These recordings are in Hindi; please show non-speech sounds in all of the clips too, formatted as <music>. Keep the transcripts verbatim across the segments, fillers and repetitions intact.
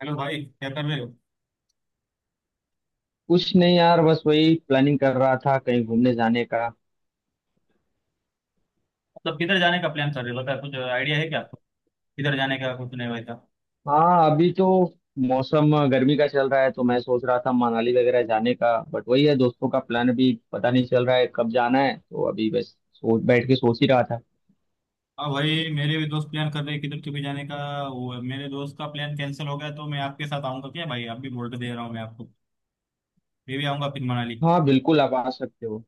हेलो भाई, क्या कर रहे हो। कुछ नहीं यार, बस वही प्लानिंग कर रहा था कहीं घूमने जाने का। मतलब किधर जाने का प्लान कर रहे हो बता, कुछ आइडिया है क्या आपको। किधर जाने का कुछ नहीं वैसा। हाँ अभी तो मौसम गर्मी का चल रहा है तो मैं सोच रहा था मनाली वगैरह जाने का, बट वही है दोस्तों का प्लान अभी पता नहीं चल रहा है कब जाना है, तो अभी बस सोच बैठ के सोच ही रहा था। हाँ भाई, मेरे भी दोस्त प्लान कर रहे हैं किधर कभी जाने का। वो मेरे दोस्त का प्लान कैंसिल हो गया तो मैं आपके साथ आऊंगा क्या भाई, आप भी बोल के दे रहा हूँ मैं आपको। मैं भी आऊंगा फिर मनाली। हाँ बिल्कुल, आप आ सकते हो।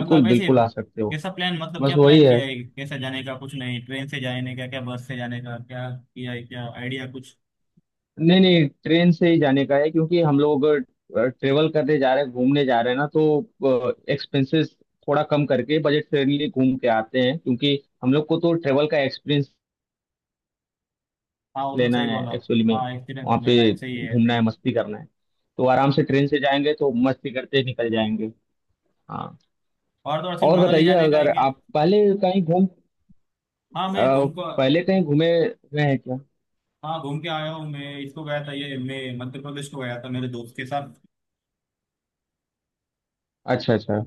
मतलब ऐसे बिल्कुल आ सकते हो। कैसा प्लान, मतलब बस क्या वही प्लान है। किया है, कैसा जाने का, कुछ नहीं, ट्रेन से जाने का क्या, बस से जाने का क्या किया है, क्या आइडिया कुछ। नहीं नहीं, ट्रेन से ही जाने का है क्योंकि हम लोग अगर ट्रेवल करने जा रहे हैं घूमने जा रहे हैं ना तो एक्सपेंसेस थोड़ा कम करके बजट फ्रेंडली घूम के आते हैं, क्योंकि हम लोग को तो ट्रेवल का एक्सपीरियंस हाँ वो तो लेना सही है बोला आप। एक्चुअली में। हाँ एक्सपीरियंस वहाँ लेना पे है, सही है घूमना सही है है। मस्ती करना है, तो आराम से ट्रेन से जाएंगे तो मस्ती करते निकल जाएंगे। हाँ, और तो और सिर्फ और मनाली बताइए जाने का है अगर क्या। आप पहले कहीं घूम हाँ मैं अ, घूम को। पहले कहीं घूमे हुए हैं क्या। हाँ घूम के आया हूँ मैं, इसको गया था ये, मैं मध्य प्रदेश को गया था मेरे दोस्त के साथ। अच्छा अच्छा।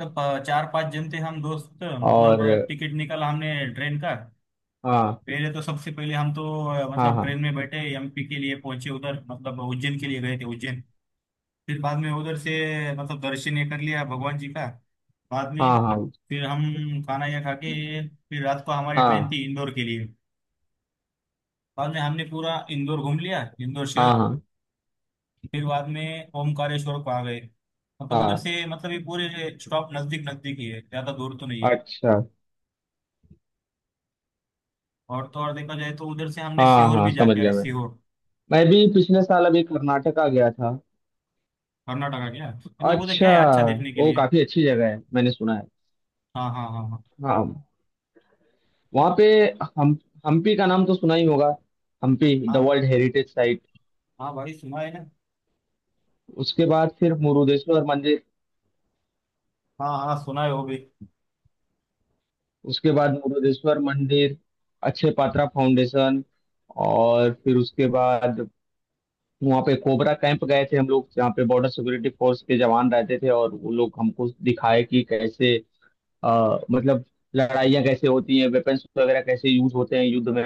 मतलब अ, चार पांच जन थे हम दोस्त, मतलब अ, और टिकट निकाला हमने ट्रेन का। हाँ, पहले तो सबसे पहले हम तो अ, हाँ मतलब हाँ, ट्रेन में बैठे एमपी के लिए पहुंचे उधर, मतलब उज्जैन के लिए गए थे उज्जैन। फिर बाद में उधर से मतलब दर्शन ये कर लिया भगवान जी का। बाद में हाँ हाँ, फिर हम खाना ये खा के फिर रात को हमारी ट्रेन हाँ थी इंदौर के लिए। बाद में हमने पूरा इंदौर घूम लिया, इंदौर हाँ, शहर। हाँ फिर बाद में ओमकारेश्वर को आ गए, मतलब उधर हाँ। से मतलब ये पूरे स्टॉप नजदीक नजदीक ही है, ज्यादा दूर तो नहीं है। अच्छा। और तो और देखा जाए तो उधर से हमने हाँ सीहोर हाँ, भी समझ जाके आए, गया मैं। सीहोर। मैं भी पिछले साल अभी कर्नाटका गया था। कर्नाटका क्या, मतलब उधर क्या अच्छा। है अच्छा देखने के वो लिए। काफी अच्छी जगह है, मैंने सुना है। हाँ हाँ हाँ हाँ हाँ। वहाँ पे हम हम्पी का नाम तो सुना ही होगा। हम्पी द हाँ। World heritage site. हाँ भाई सुना है ना। उसके बाद फिर मुरुदेश्वर मंदिर। हाँ हाँ सुना है वो भी। उसके बाद मुरुदेश्वर मंदिर। अच्छे पात्रा फाउंडेशन। और फिर उसके बाद वहाँ पे कोबरा कैंप गए थे हम लोग, जहाँ पे बॉर्डर सिक्योरिटी फोर्स के जवान रहते थे और वो लोग हमको दिखाए कि कैसे अ, मतलब लड़ाइयाँ कैसे होती हैं, वेपन्स वगैरह कैसे यूज होते हैं युद्ध में।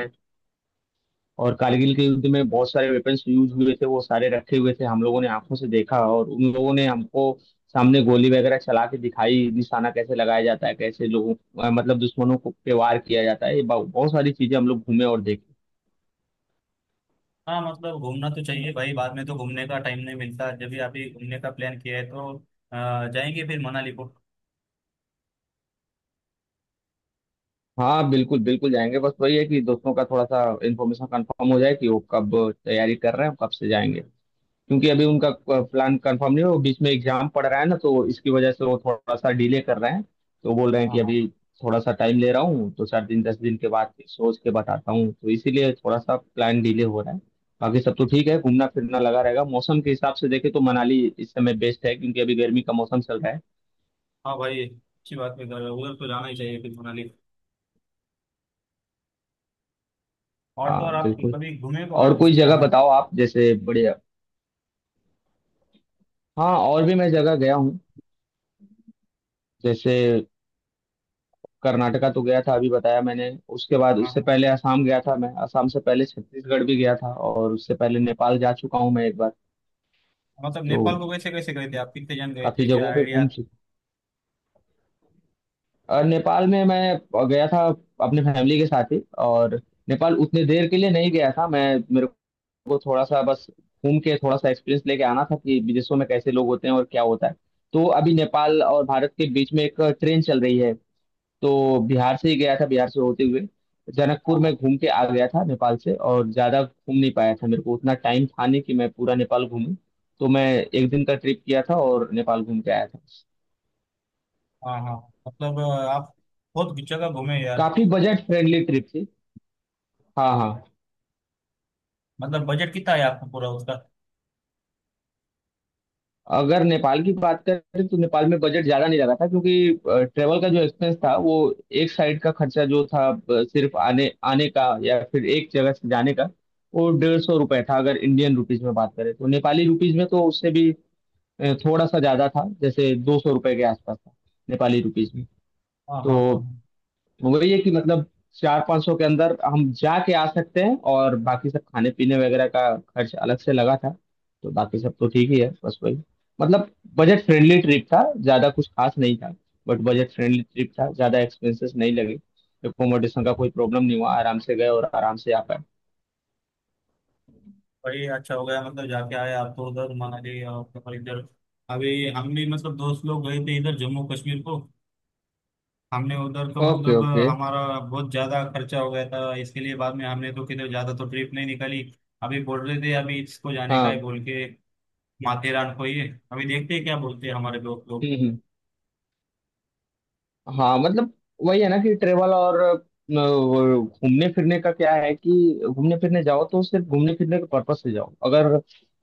और कारगिल के युद्ध में बहुत सारे वेपन्स यूज हुए थे, वो सारे रखे हुए थे, हम लोगों ने आंखों से देखा और उन लोगों ने हमको सामने गोली वगैरह चला के दिखाई, निशाना कैसे लगाया जाता है, कैसे लोगों अ, मतलब दुश्मनों को पे वार किया जाता है, ये बहु- बहुत सारी चीजें हम लोग घूमे और देखे। हाँ मतलब घूमना तो चाहिए भाई, बाद में तो घूमने का टाइम नहीं मिलता, जब भी आप ये घूमने का प्लान किया है तो अ, जाएंगे फिर मनाली को। हाँ बिल्कुल बिल्कुल जाएंगे, बस वही है कि दोस्तों का थोड़ा सा इन्फॉर्मेशन कंफर्म हो जाए कि वो कब तैयारी कर रहे हैं कब से जाएंगे, क्योंकि अभी उनका प्लान कंफर्म नहीं है, वो बीच में एग्जाम पड़ रहा है ना तो इसकी वजह से वो थोड़ा सा डिले कर रहे हैं। तो बोल रहे हैं हाँ कि हाँ। अभी थोड़ा सा टाइम ले रहा हूँ, तो चार दिन दस दिन के बाद फिर सोच के बताता हूँ, तो इसीलिए थोड़ा सा प्लान डिले हो रहा है। बाकी सब तो ठीक है, घूमना फिरना लगा रहेगा। मौसम के हिसाब से देखे तो मनाली इस समय बेस्ट है, क्योंकि अभी गर्मी का मौसम चल रहा है। हाँ भाई अच्छी बात है, उधर उधर तो जाना ही चाहिए फिर मनाली। और तो और हाँ आप बिल्कुल। कभी घूमे को और और कोई दूसरी जगह जगह। बताओ आप, जैसे बढ़िया। हाँ, और भी मैं जगह गया हूँ, जैसे कर्नाटका तो गया था अभी बताया मैंने। उसके बाद उससे हाँ पहले असम गया था मैं, असम से पहले छत्तीसगढ़ भी गया था, और उससे पहले नेपाल जा चुका हूँ मैं एक बार। मतलब तो नेपाल को कैसे कैसे गए थे आप, कितने जन गए काफी थे, क्या जगहों पे घूम आइडिया। चुका। और नेपाल में मैं गया था अपने फैमिली के साथ ही। और नेपाल उतने देर के लिए नहीं गया था, मैं मेरे को थोड़ा सा बस घूम के थोड़ा सा एक्सपीरियंस लेके आना था कि विदेशों में कैसे लोग होते हैं और क्या होता है। तो अभी नेपाल और भारत के बीच में एक ट्रेन चल रही है, तो बिहार से ही गया था, बिहार से होते हुए जनकपुर हाँ में घूम के आ गया था। नेपाल से और ज्यादा घूम नहीं पाया था, मेरे को उतना टाइम था नहीं कि मैं पूरा नेपाल घूमूं। तो मैं एक दिन का ट्रिप किया था और नेपाल घूम के आया था। हाँ। हाँ मतलब अ, आप बहुत जगह घूमे यार। काफी बजट फ्रेंडली ट्रिप थी। हाँ हाँ। मतलब बजट कितना है आपको पूरा उसका। अगर नेपाल की बात करें तो नेपाल में बजट ज्यादा नहीं लगा था, क्योंकि ट्रेवल का जो एक्सपेंस था वो एक साइड का खर्चा जो था, अ, सिर्फ आने आने का या फिर एक जगह से जाने का, वो डेढ़ सौ रुपए था अगर इंडियन रुपीज में बात करें, तो नेपाली रुपीज में तो उससे भी अ, थोड़ा सा ज्यादा था, जैसे दो सौ रुपए के आसपास था नेपाली रुपीज में। हाँ हाँ हाँ। तो वही है कि मतलब चार पाँच सौ के अंदर हम जाके आ सकते हैं, और बाकी सब खाने पीने वगैरह का खर्च अलग से लगा था। तो बाकी सब तो ठीक ही है, बस वही मतलब बजट फ्रेंडली ट्रिप था, ज्यादा कुछ खास नहीं था। बट बजट फ्रेंडली ट्रिप था, ज्यादा एक्सपेंसेस नहीं लगे, एकोमोडेशन का कोई प्रॉब्लम नहीं हुआ, आराम से गए और आराम से आ पाए। भाई अच्छा हो गया मतलब जाके आए आप तो उधर मनाली, और फिर इधर अभी हम भी मतलब दोस्त लोग गए थे इधर जम्मू कश्मीर को। हमने उधर तो ओके मतलब ओके। अ, हमारा बहुत ज्यादा खर्चा हो गया था इसके लिए, बाद में हमने तो किधर ज्यादा तो ट्रिप नहीं निकाली। अभी बोल रहे थे अभी इसको जाने का है हाँ। बोल के, माथेरान को ही। अभी देखते हैं क्या बोलते हैं हमारे दोस्त लोग। हम्म हम्म। हाँ मतलब वही है ना कि ट्रेवल और अ, वो घूमने फिरने का क्या है कि घूमने फिरने जाओ तो सिर्फ घूमने फिरने के पर्पस से जाओ, अगर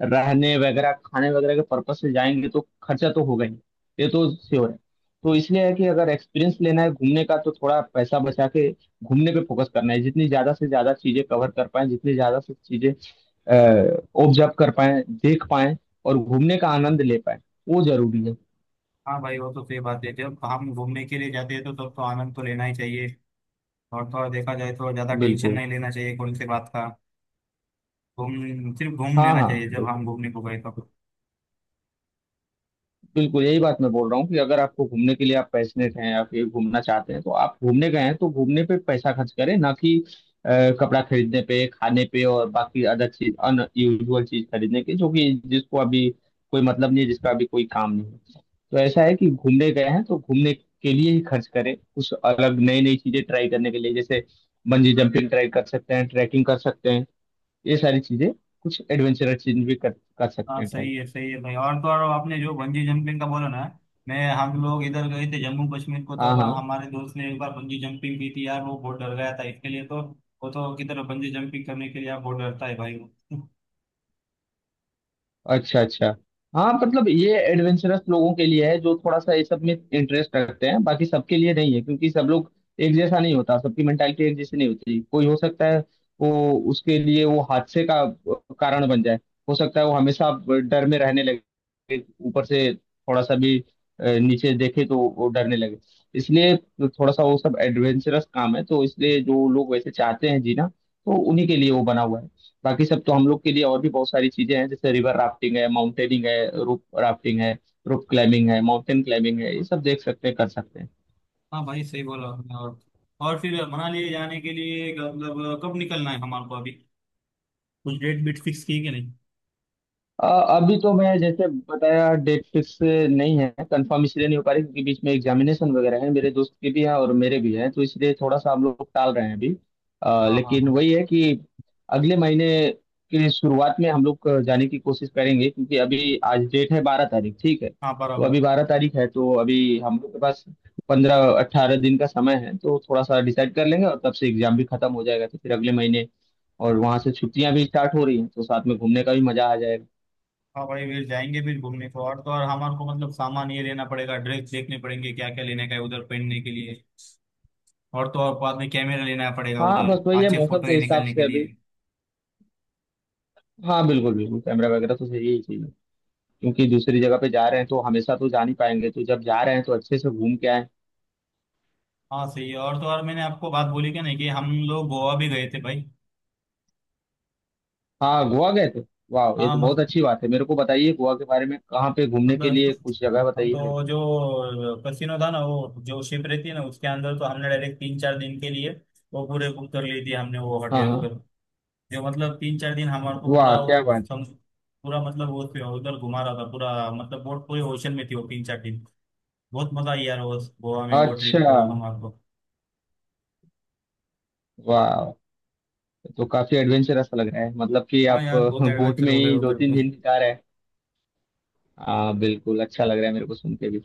रहने वगैरह खाने वगैरह के पर्पस से जाएंगे तो खर्चा तो होगा ही, ये तो श्योर है। तो इसलिए है कि अगर एक्सपीरियंस लेना है घूमने का तो थोड़ा पैसा बचा के घूमने पे फोकस करना है, जितनी ज्यादा से ज्यादा चीजें कवर कर पाए जितनी ज्यादा से चीजें ऑब्जर्व कर पाए देख पाए और घूमने का आनंद ले पाए, वो जरूरी है। हाँ भाई वो तो सही बात है, जब हम घूमने के लिए जाते हैं तो तब तो आनंद तो लेना ही चाहिए। और थोड़ा देखा जाए तो ज्यादा टेंशन बिल्कुल। नहीं लेना चाहिए कौन सी बात का। घूम सिर्फ घूम हाँ लेना हाँ चाहिए जब हम घूमने को गए तब। बिल्कुल, यही बात मैं बोल रहा हूँ कि अगर आपको घूमने के लिए आप पैशनेट हैं आप ये घूमना चाहते हैं, तो आप घूमने गए हैं तो घूमने पे पैसा खर्च करें ना कि अ, कपड़ा खरीदने पे खाने पे और बाकी अदर चीज अनयूजुअल चीज खरीदने के, जो कि जिसको अभी कोई मतलब नहीं है, जिसका अभी कोई काम नहीं है। तो ऐसा है कि घूमने गए हैं तो घूमने के लिए ही खर्च करें कुछ अलग नई नई चीजें ट्राई करने के लिए, जैसे बंजी जंपिंग ट्राई कर सकते हैं, ट्रैकिंग कर सकते हैं, ये सारी चीजें, कुछ एडवेंचरस चीज भी कर, कर सकते हाँ हैं ट्राई। सही है सही है भाई। और तो और आपने जो बंजी जंपिंग का बोला ना, मैं हम लोग इधर गए थे जम्मू कश्मीर को, हाँ तब हाँ। हमारे दोस्त ने एक बार बंजी जंपिंग की थी यार, वो बहुत डर गया था इसके लिए तो। वो तो किधर बंजी जंपिंग करने के लिए आप बहुत डरता है भाई वो। अच्छा अच्छा। हाँ मतलब ये एडवेंचरस लोगों के लिए है, जो थोड़ा सा ये सब में इंटरेस्ट रखते हैं, बाकी सबके लिए नहीं है, क्योंकि सब लोग एक जैसा नहीं होता, सबकी मेंटालिटी एक जैसी नहीं होती। कोई हो सकता है वो उसके लिए वो हादसे का कारण बन जाए, हो सकता है वो हमेशा डर में रहने लगे, ऊपर से थोड़ा सा भी अ, नीचे देखे तो वो डरने लगे। इसलिए थोड़ा सा वो सब एडवेंचरस काम है, तो इसलिए जो लोग वैसे चाहते हैं जीना तो उन्हीं के लिए वो बना हुआ है। बाकी सब तो हम लोग के लिए और भी बहुत सारी चीजें हैं, जैसे रिवर राफ्टिंग है, माउंटेनिंग है, रोप राफ्टिंग है, रोप क्लाइंबिंग है, माउंटेन क्लाइंबिंग है, ये सब देख सकते हैं कर सकते हैं। हाँ भाई सही बोला आपने। और और फिर मनाली जाने के लिए मतलब कब निकलना है हमारे को अभी, कुछ डेट बीट फिक्स की है कि नहीं। अ, अभी तो मैं जैसे बताया डेट फिक्स नहीं है, कंफर्म इसलिए नहीं हो पा रही क्योंकि बीच में एग्जामिनेशन वगैरह है, मेरे दोस्त के भी हैं और मेरे भी हैं, तो इसलिए थोड़ा सा हम लोग टाल रहे हैं अभी। अ, हाँ हाँ लेकिन हाँ। वही है कि अगले महीने के शुरुआत में हम लोग जाने की कोशिश करेंगे, क्योंकि अभी आज डेट है बारह तारीख, ठीक है हाँ तो बराबर। अभी बारह तारीख है, तो अभी हम लोग के पास पंद्रह अट्ठारह दिन का समय है, तो थोड़ा सा डिसाइड कर लेंगे, और तब से एग्जाम भी खत्म हो जाएगा तो फिर अगले महीने। और वहां से छुट्टियां भी स्टार्ट हो रही हैं तो साथ में घूमने का भी मजा आ जाएगा। हाँ भाई फिर जाएंगे फिर घूमने को। और तो और हमारे को मतलब सामान ये लेना पड़ेगा, ड्रेस देखने पड़ेंगे क्या क्या लेने का है उधर पहनने के लिए। और तो और बाद में कैमरा लेना पड़ेगा हाँ उधर बस वही है अच्छे मौसम फोटो के ये हिसाब निकालने के से अभी। लिए। हाँ बिल्कुल बिल्कुल, कैमरा वगैरह तो सही ही चाहिए, क्योंकि दूसरी जगह पे जा रहे हैं तो हमेशा तो जा नहीं पाएंगे, तो जब जा रहे हैं तो अच्छे से घूम के आए। हाँ सही है। और तो और मैंने आपको बात बोली क्या नहीं कि हम लोग गोवा भी गए थे भाई। हाँ गोवा गए थे। वाह, ये हाँ तो बहुत मत, अच्छी बात है, मेरे को बताइए गोवा के बारे में, कहाँ पे घूमने के मतलब लिए कुछ जगह हम बताइए मेरे तो को। जो कसिनो था ना, वो जो शिप रहती है ना उसके अंदर तो हमने डायरेक्ट तीन चार दिन के लिए वो पूरे बुक कर ली थी हमने वो हाँ होटल हाँ। उधर, जो मतलब तीन चार दिन हमारे को वाह पूरा क्या वो बात सम, है। पूरा मतलब वो पे- उधर घुमा रहा था पूरा, मतलब बोट पूरे ओशन में थी वो तीन चार दिन। बहुत मजा आई यार वो गोवा में वो ट्रिप अच्छा। को हमारे को। वाह। तो काफी एडवेंचरस लग रहा है, मतलब कि हाँ आप <laughs> यार बहुत बोट एडवेंचर में हो गया ही दो उधर तीन तो। दिन बिता रहे हैं। हाँ बिल्कुल, अच्छा लग रहा है मेरे को सुन के भी।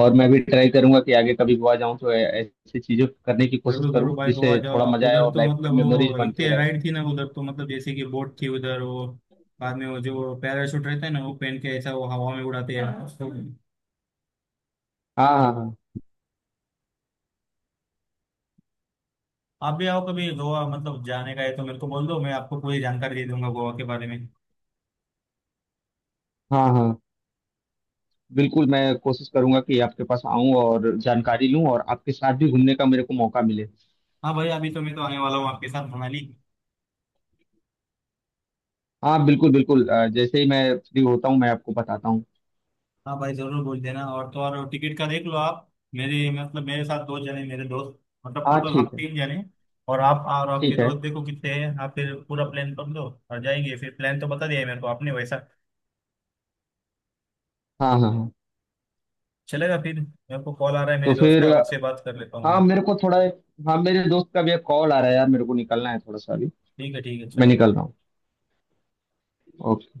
और मैं भी ट्राई करूंगा कि आगे कभी गोवा जाऊं तो ऐ- ऐसी चीजें करने की कोशिश जरूर करूं जरूर भाई गोवा जिससे जाओ थोड़ा आप, मजा आए उधर और तो लाइफ मतलब टाइम मेमोरीज वो बन के इतने रहे। राइड थी ना उधर तो, मतलब जैसे कि बोट थी उधर वो, बाद में वो जो पैराशूट रहता है ना वो पहन के ऐसा वो हवा में उड़ाते हैं तो। हाँ, हाँ हाँ, आप भी आओ कभी गोवा, मतलब जाने का है तो मेरे को बोल दो, मैं आपको पूरी जानकारी दे दूंगा गोवा के बारे में। हाँ हाँ। बिल्कुल, मैं कोशिश करूंगा कि आपके पास आऊं और जानकारी लूं और आपके साथ भी घूमने का मेरे को मौका मिले। हाँ भाई अभी तो मैं तो आने वाला हूँ आपके साथ मनाली। हाँ बिल्कुल बिल्कुल, अ, जैसे ही मैं फ्री होता हूँ मैं आपको बताता हूँ। हाँ भाई जरूर बोल देना। और तो और टिकट का देख लो आप, मेरे मतलब मेरे साथ दो जने मेरे दोस्त, मतलब हाँ टोटल हम ठीक है। तीन जने। और आप और आपके ठीक है। दोस्त देखो कितने हैं आप, फिर पूरा प्लान कर लो। और जाएंगे फिर, प्लान तो बता दिया है मेरे को आपने वैसा। हाँ हाँ हाँ। चलेगा फिर, मेरे को कॉल आ रहा है मेरे तो दोस्त फिर का, अ, उससे बात कर लेता हूँ हाँ मैं। मेरे को थोड़ा। हाँ मेरे दोस्त का भी एक कॉल आ रहा है यार, मेरे को निकलना है थोड़ा सा अभी। ठीक है ठीक है मैं चलो। निकल रहा हूँ। ओके।